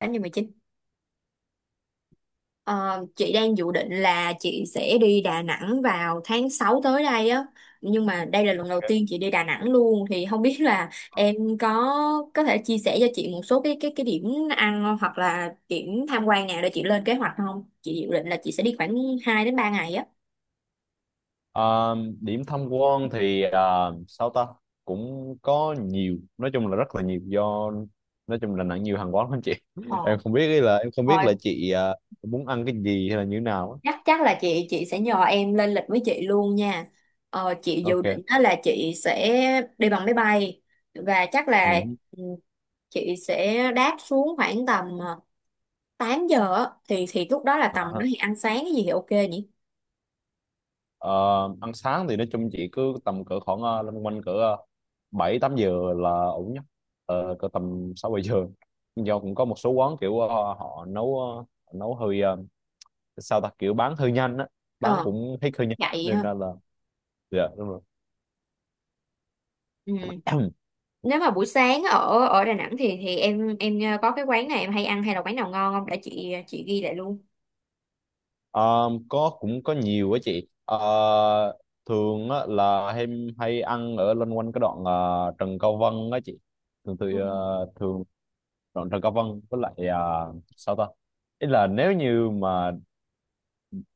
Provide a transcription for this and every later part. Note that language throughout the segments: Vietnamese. Tháng điều 19. Ờ, chị đang dự định là chị sẽ đi Đà Nẵng vào tháng 6 tới đây á. Nhưng mà đây là lần đầu tiên chị đi Đà Nẵng luôn thì không biết là em có có thể chia sẻ cho chị một số cái điểm ăn hoặc là điểm tham quan nào để chị lên kế hoạch không? Chị dự định là chị sẽ đi khoảng 2 đến 3 ngày á. Ờ, Điểm tham quan thì sao ta cũng có nhiều, nói chung là rất là nhiều, do nói chung là nặng nhiều hàng quán lắm chị. Ờ. em không biết ý là em không Ờ, biết là chị muốn ăn cái gì hay là như thế nào á. chắc chắc là chị sẽ nhờ em lên lịch với chị luôn nha. Chị dự Ok. định đó là chị sẽ đi bằng máy bay và chắc là Ừ. ừ, chị sẽ đáp xuống khoảng tầm 8 giờ á. Thì lúc đó là tầm đó Ờ, thì ăn sáng cái gì thì ok nhỉ? ờ, Ăn sáng thì nói chung chị cứ tầm cỡ khoảng loanh quanh cỡ 7, 8 giờ là ổn nhất. Ờ, cỡ tầm 6, 7 giờ, do cũng có một số quán kiểu họ nấu nấu hơi sao ta kiểu bán hơi nhanh á, bán Ờ, cũng hết hơi nhanh vậy nên ha. là... Dạ, đúng rồi. Ừ. Nếu mà buổi sáng ở ở Đà Nẵng thì em có cái quán này em hay ăn hay là quán nào ngon không để chị ghi lại luôn? Ờ, có, cũng có nhiều á chị. Ờ, thường á, là em hay ăn ở loanh quanh cái đoạn Trần Cao Vân á chị, thường thì Ừ. ờ, thường đoạn Trần Cao Vân với lại sao ta, ý là nếu như mà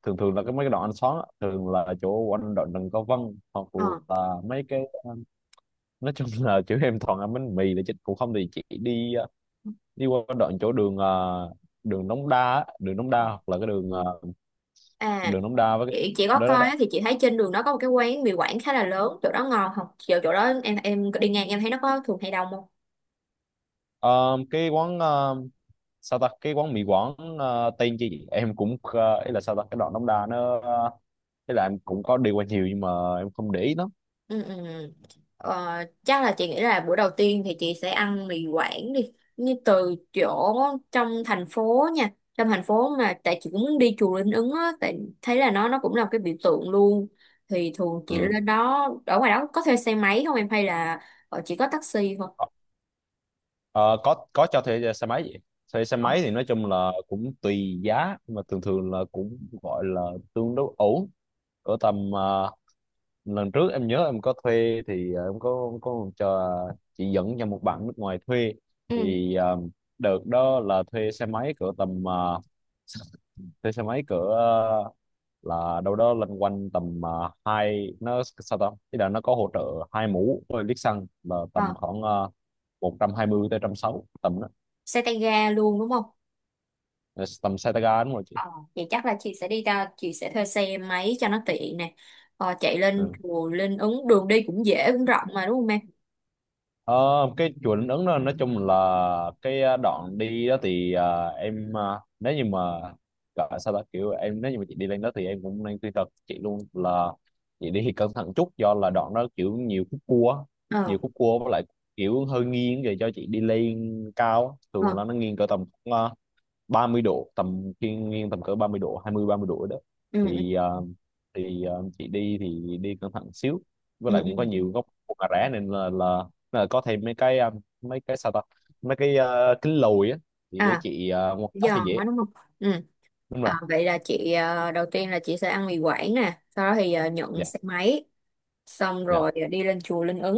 thường thường là cái mấy cái đoạn ăn xóm á, thường là chỗ quanh đoạn Trần Cao Vân hoặc Ờ. là mấy cái nói chung là chỗ em toàn ăn bánh mì là chứ cũng không, thì chị đi đi qua đoạn chỗ đường đường Đống Đa á, đường Đống Đa Ờ. hoặc là cái đường À, đường Đống Đa với cái... chị có đó đó, coi đó. á, thì chị thấy trên đường đó có một cái quán mì Quảng khá là lớn, chỗ đó ngon không? Chỗ chỗ đó em đi ngang em thấy nó có thường hay đông không? Ờ, cái quán sao ta cái quán mì Quảng tên chi vậy? Em cũng, ý là sao ta cái đoạn Đống Đa nó ý là em cũng có đi qua nhiều nhưng mà em không để ý lắm. Ừ, ừ. Ừ. Ờ, chắc là chị nghĩ là bữa đầu tiên thì chị sẽ ăn mì Quảng đi như từ chỗ trong thành phố nha, trong thành phố, mà tại chị cũng muốn đi chùa Linh Ứng á, tại thấy là nó cũng là một cái biểu tượng luôn. Thì thường chị Ừ. lên đó ở ngoài đó có thuê xe máy không em hay là chỉ có taxi thôi? Ờ, có cho thuê xe máy vậy. Thuê xe Ờ, máy thì nói chung là cũng tùy giá nhưng mà thường thường là cũng gọi là tương đối ổn, ở tầm lần trước em nhớ em có thuê thì em có cho chị dẫn cho một bạn nước ngoài thuê, ừ, thì đợt đó là thuê xe máy cỡ tầm thuê xe máy cỡ là đâu đó loanh quanh tầm hai, nó sao ta, ý là nó có hỗ trợ hai mũ với lít xăng là ờ, tầm khoảng uh, 120 tới 160 tầm đó. xe tay ga luôn đúng không? Ờ, tầm xe tay ga đúng rồi chị. Ờ, vậy chắc là chị sẽ đi ra chị sẽ thuê xe máy cho nó tiện nè. Chạy lên Ừ. chùa lên ứng, đường đi cũng dễ cũng rộng mà đúng không em? Ờ, cái chùa Ứng đó nói chung là cái đoạn đi đó thì nếu như mà gọi sao ta kiểu em, nếu như mà chị đi lên đó thì em cũng nên khuyên thật chị luôn là chị đi thì cẩn thận chút, do là đoạn đó kiểu nhiều khúc cua á, nhiều Ờ. khúc cua với lại kiểu hơi nghiêng về cho chị đi lên cao á. Ờ. Thường là nó nghiêng cỡ tầm 30 độ, tầm thiên nhiên tầm cỡ 30 độ, 20, 30 độ đó. ừ ừ, Thì ờ, thì ờ, chị đi thì đi cẩn thận xíu, với ừ, lại ừ. cũng có Ừ. Ừ. nhiều góc cua cà rá nên là có thêm mấy cái mấy cái sao ta mấy cái kính lùi á, thì để À, chị quan sát cho giòn dễ. quá đúng không? Ừ. Đúng rồi. À, vậy là chị đầu tiên là chị sẽ ăn mì Quảng nè, sau đó thì nhận Dạ, xe máy, xong dạ, rồi đi lên chùa Linh Ứng.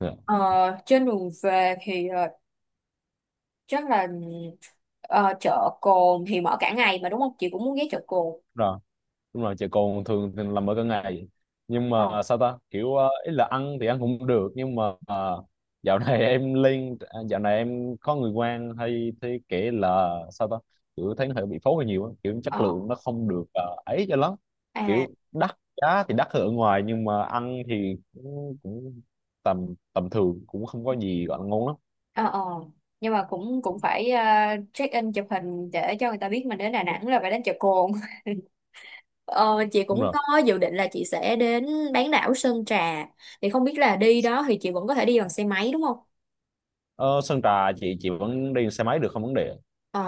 dạ. Ờ, trên đường về thì chắc là chợ Cồn thì mở cả ngày mà đúng không? Chị cũng muốn ghé chợ Cồn. Rồi. Đúng rồi, chè cồn thường thì làm ở cả ngày, nhưng Ờ, mà sao ta kiểu ý là ăn thì ăn cũng được nhưng mà dạo này em lên, dạo này em có người quen hay thấy kể là sao ta, kiểu thấy nó hơi bị phối hơi nhiều á. Kiểu ờ, chất ờ. lượng nó không được ấy cho lắm, À, kiểu đắt giá thì đắt hơn ở ngoài nhưng mà ăn thì cũng tầm tầm thường, cũng không có gì gọi là ngon lắm. ờ, ờ, nhưng mà cũng cũng phải check in chụp hình để cho người ta biết mình đến Đà Nẵng là phải đến chợ cồn. Ờ, chị Đúng cũng rồi. có dự định là chị sẽ đến bán đảo Sơn Trà, thì không biết là đi đó thì chị vẫn có thể đi bằng xe máy đúng không? Ờ, Sơn Trà chị vẫn đi xe máy được, không vấn đề. Ờ,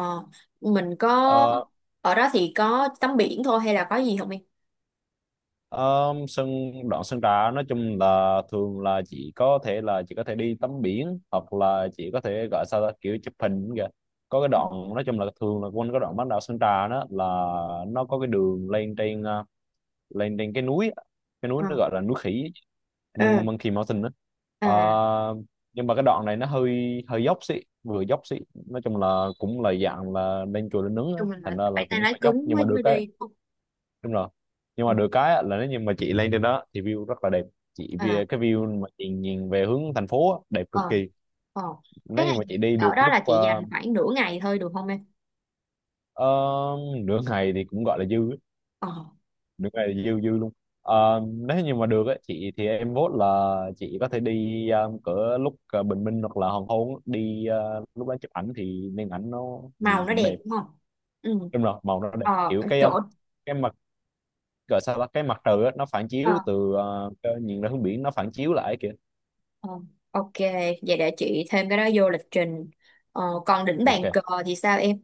mình có Ờ, ở đó thì có tắm biển thôi hay là có gì không em? Ờ, Sân, đoạn sân trà nói chung là thường là chị có thể đi tắm biển, hoặc là chị có thể gọi sao ta, kiểu chụp hình kìa, có cái đoạn nói chung là thường là quanh cái đoạn bán đảo Sơn Trà đó, là nó có cái đường lên trên lên trên cái núi á. Cái núi Ờ. nó gọi là núi khỉ, Ừ. Monkey Mountain đó. À, Ờ, nhưng mà cái đoạn này nó hơi hơi dốc xị, vừa dốc xị, nói chung là cũng là dạng là lên chùa lên nướng á, chung mình thành là ra là phải tay cũng lái phải dốc cứng nhưng mà mới được. mới đi không? Đúng rồi, nhưng mà Ừ. được cái á, là nếu như mà chị lên trên đó thì view rất là đẹp, chị À. vì cái view mà chị nhìn về hướng thành phố á, đẹp cực Ờ. kỳ. Ờ, thế Nếu là như mà chị đi ở được đó lúc là chị dành khoảng nửa ngày thôi được không em? ờ, nửa ngày thì cũng gọi là dư á, Ờ, nửa ngày là dư dư luôn. Ờ, nếu như mà được á, chị thì em vote là chị có thể đi cỡ lúc bình minh hoặc là hoàng hôn á. Đi lúc đó chụp ảnh thì nên, ảnh nó màu nhìn nó cũng đẹp. đẹp đúng không? Ừ. Đúng rồi, màu nó đẹp, Ờ, kiểu cái chỗ, cái mặt, gọi sao ta, cái mặt trời á, nó phản ờ, chiếu từ nhìn ra hướng biển nó phản chiếu lại kìa. ờ, ok, vậy để chị thêm cái đó vô lịch trình. Còn đỉnh bàn Ok. cờ thì sao em?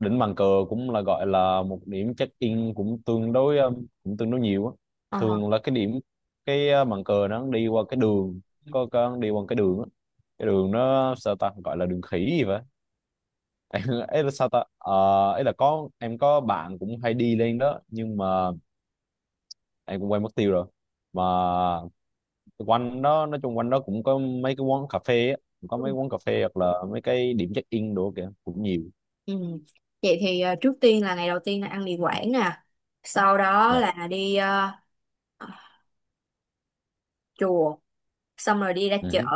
Đỉnh bàn cờ cũng là gọi là một điểm check-in cũng tương đối, cũng tương đối nhiều á. Ờ. Thường là cái điểm, cái bàn cờ nó đi qua cái đường, có đi qua cái đường á, cái đường nó sao ta, gọi là đường khỉ gì vậy. Em ấy là sao ta, ấy là có, em có bạn cũng hay đi lên đó nhưng mà em cũng quên mất tiêu rồi mà. Quanh đó nói chung quanh đó cũng có mấy cái quán cà phê á, cũng có Ừ. mấy quán cà phê hoặc là mấy cái điểm check-in đồ kìa cũng nhiều. Ừ. Vậy thì trước tiên là ngày đầu tiên là ăn mì Quảng nè, sau đó Dạ. là đi ờ, chùa, xong rồi đi ra Ừ chợ. hứ.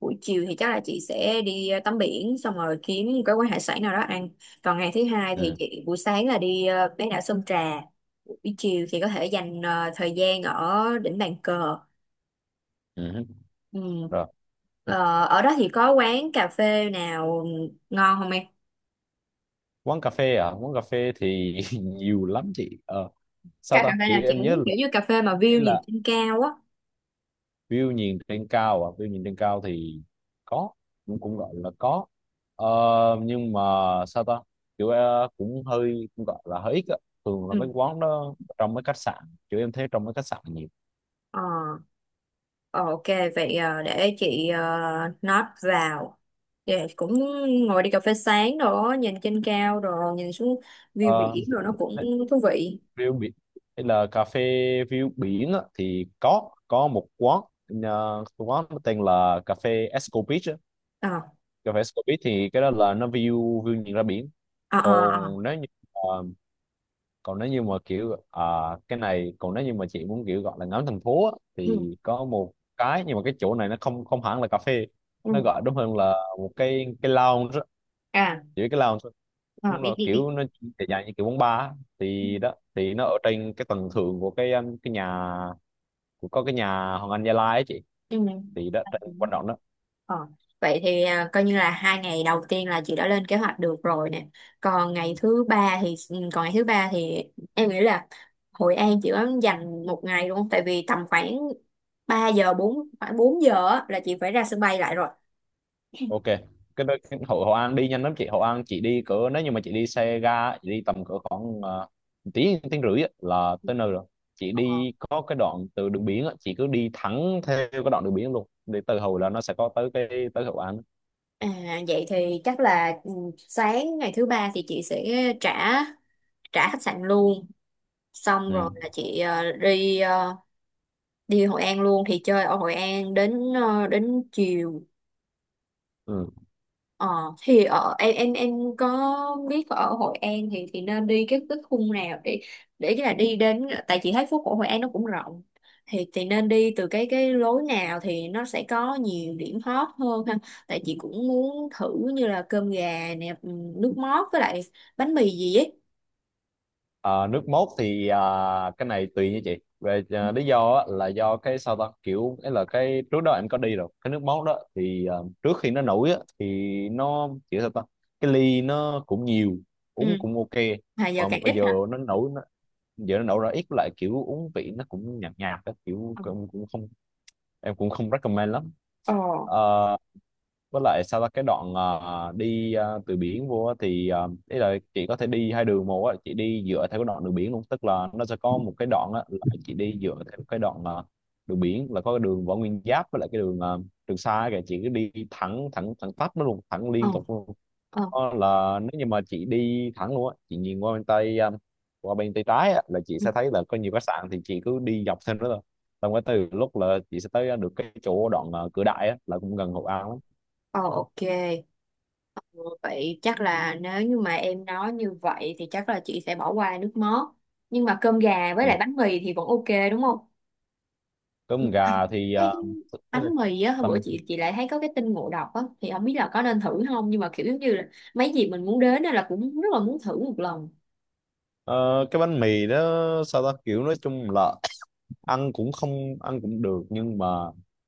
Buổi chiều thì chắc là chị sẽ đi tắm biển, xong rồi kiếm cái quán hải sản nào đó ăn. Còn ngày thứ hai thì Ừ. chị buổi sáng là đi bán đảo Sơn Trà, buổi chiều thì có thể dành thời gian ở đỉnh bàn cờ. Ừ. Hứ. Ừ. Rồi. Ờ, ở đó thì có quán cà phê nào ngon không em? Quán cà phê, à quán cà phê thì nhiều lắm chị. Ờ, sao Cà cà ta phê nào kiểu chị em nhớ muốn, là, kiểu như cà phê mà ý view nhìn là trên cao á. view nhìn trên cao, à view nhìn trên cao thì có, cũng cũng gọi là có. Ờ, nhưng mà sao ta kiểu cũng hơi, cũng gọi là hơi ít á, thường là mấy Ừ. quán đó trong mấy khách sạn, kiểu em thấy trong mấy khách sạn nhiều. Ờ. Ờ, ok, vậy à, để chị à, note vào. Dạ, cũng ngồi đi cà phê sáng đó, nhìn trên cao rồi, nhìn xuống view Ờ, biển rồi nó cũng thú vị. view biển hay là cà phê view biển á, thì có một quán quán nó tên là cà phê Esco Beach á. Ờ, Cà phê Scorpit thì cái đó là nó view, view nhìn ra biển. ờ, ờ, Còn ờ. nếu như ờ, còn nếu như mà kiểu, cái này còn nếu như mà chị muốn kiểu gọi là ngắm thành phố á, Ừ, thì có một cái, nhưng mà cái chỗ này nó không, không hẳn là cà phê, ừ. nó gọi đúng hơn là một cái lounge á, À, chỉ cái lounge thôi. ờ, Đúng biết, rồi, biết, kiểu biết. nó dài dài như kiểu quán bar á, thì đó thì nó ở trên cái tầng thượng của cái nhà, của, có cái nhà Hoàng Anh Gia Lai ấy chị, Ừ. thì đó trên Ừ. quanh đó. Ờ. Vậy thì à, coi như là hai ngày đầu tiên là chị đã lên kế hoạch được rồi nè. Còn ngày thứ ba thì ừ, còn ngày thứ ba thì em nghĩ là Hội An chị có dành một ngày luôn không? Tại vì tầm khoảng 3 giờ 4 khoảng 4 giờ á, là chị phải ra sân bay lại rồi. Ok. Cái, đó- cái Hội Hội An đi nhanh lắm chị. Hội An chị đi cỡ, nếu như mà chị đi xe ga chị đi tầm cỡ khoảng tiếng tiếng rưỡi á, là tới nơi rồi. Chị Ờ. đi có cái đoạn từ đường biển á, chị cứ đi thẳng theo cái đoạn đường biển luôn, để từ Hồi là nó sẽ có tới cái, tới Hội An. À, vậy thì chắc là ừ, sáng ngày thứ ba thì chị sẽ trả trả khách sạn luôn, xong rồi Ừ. là chị đi đi Hội An luôn, thì chơi ở Hội An đến đến chiều. Ừ. Ờ, thì ở em có biết ở Hội An thì nên đi cái khung nào để cái là đi đến, tại chị thấy phố cổ Hội An nó cũng rộng thì nên đi từ cái lối nào thì nó sẽ có nhiều điểm hot hơn ha? Tại chị cũng muốn thử như là cơm gà nè, nước mót với lại bánh mì gì ấy. Ờ, nước mốt thì, cái này tùy nha chị, về, lý do á, là do cái sao ta kiểu, ấy là cái trước đó em có đi rồi, cái nước mốt đó thì, trước khi nó nổi á, thì nó kiểu sao ta, cái ly nó cũng nhiều, Ừ, uống cũng ok. mà giờ Mà càng bây ít giờ hả? nó nổi nó, giờ nó nổi ra ít lại, kiểu uống vị nó cũng nhạt nhạt á, kiểu Ờ, cũng không, em cũng không recommend lắm. ờ, Ờ, với lại sau đó cái đoạn từ biển vô á thì, ý là chị có thể đi hai đường một á, chị đi dựa theo cái đoạn đường biển luôn, tức là nó sẽ có một cái đoạn á là chị đi dựa theo cái đoạn đường biển, là có cái đường Võ Nguyên Giáp với lại cái đường Trường Sa kìa, chị cứ đi thẳng thẳng thẳng tắp nó luôn, thẳng ờ, liên tục luôn. ờ. Đó là nếu như mà chị đi thẳng luôn á, chị nhìn qua bên tay qua bên tay trái á là chị Ừ. sẽ thấy là có nhiều khách sạn, thì chị cứ đi dọc theo đó thôi. Xong cái từ lúc là chị sẽ tới được cái chỗ đoạn Cửa Đại á là cũng gần Hội An lắm. Ờ, ok, vậy chắc là nếu như mà em nói như vậy thì chắc là chị sẽ bỏ qua nước mót. Nhưng mà cơm gà với Ừ. lại bánh mì thì vẫn ok đúng không? Nhưng Cơm mà gà thì cái ý là bánh mì á, hôm bữa tầm chị lại thấy có cái tin ngộ độc á, thì không biết là có nên thử không, nhưng mà kiểu giống như là mấy dịp mình muốn đến á là cũng rất là muốn thử một lần. ờ, cái bánh mì đó sao ta kiểu nói chung là ăn cũng không, ăn cũng được nhưng mà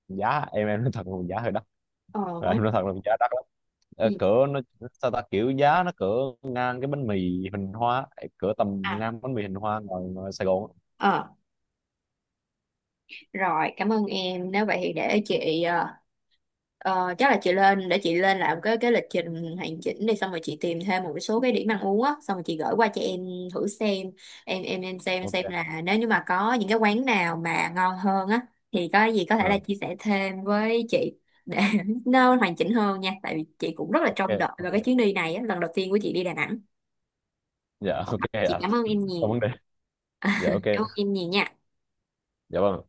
giá, em nói thật là giá hơi đắt. Ờ Rồi, không. em nói thật là giá đắt lắm. Ờ, Ừ. cỡ nó sao ta kiểu giá nó cỡ ngang cái bánh mì hình hoa, cỡ tầm À, ngang bánh mì hình hoa ngoài, ngoài Sài Gòn á. ờ, rồi, cảm ơn em. Nếu vậy thì để chị ờ, chắc là chị lên để chị lên làm cái lịch trình hoàn chỉnh đi, xong rồi chị tìm thêm một số cái điểm ăn uống á, xong rồi chị gửi qua cho em thử xem. Em xem Ok. là nếu như mà có những cái quán nào mà ngon hơn á thì có gì có thể là Ờ, chia sẻ thêm với chị để nó hoàn chỉnh hơn nha, tại vì chị cũng rất là ok. trông đợi vào Ok. cái chuyến đi này á, lần đầu tiên của chị đi Đà Nẵng. Dạ ok Chị ạ. cảm ơn em Không nhiều. vấn đề. Dạ ok. Cảm ơn em nhiều nha. Dạ vâng.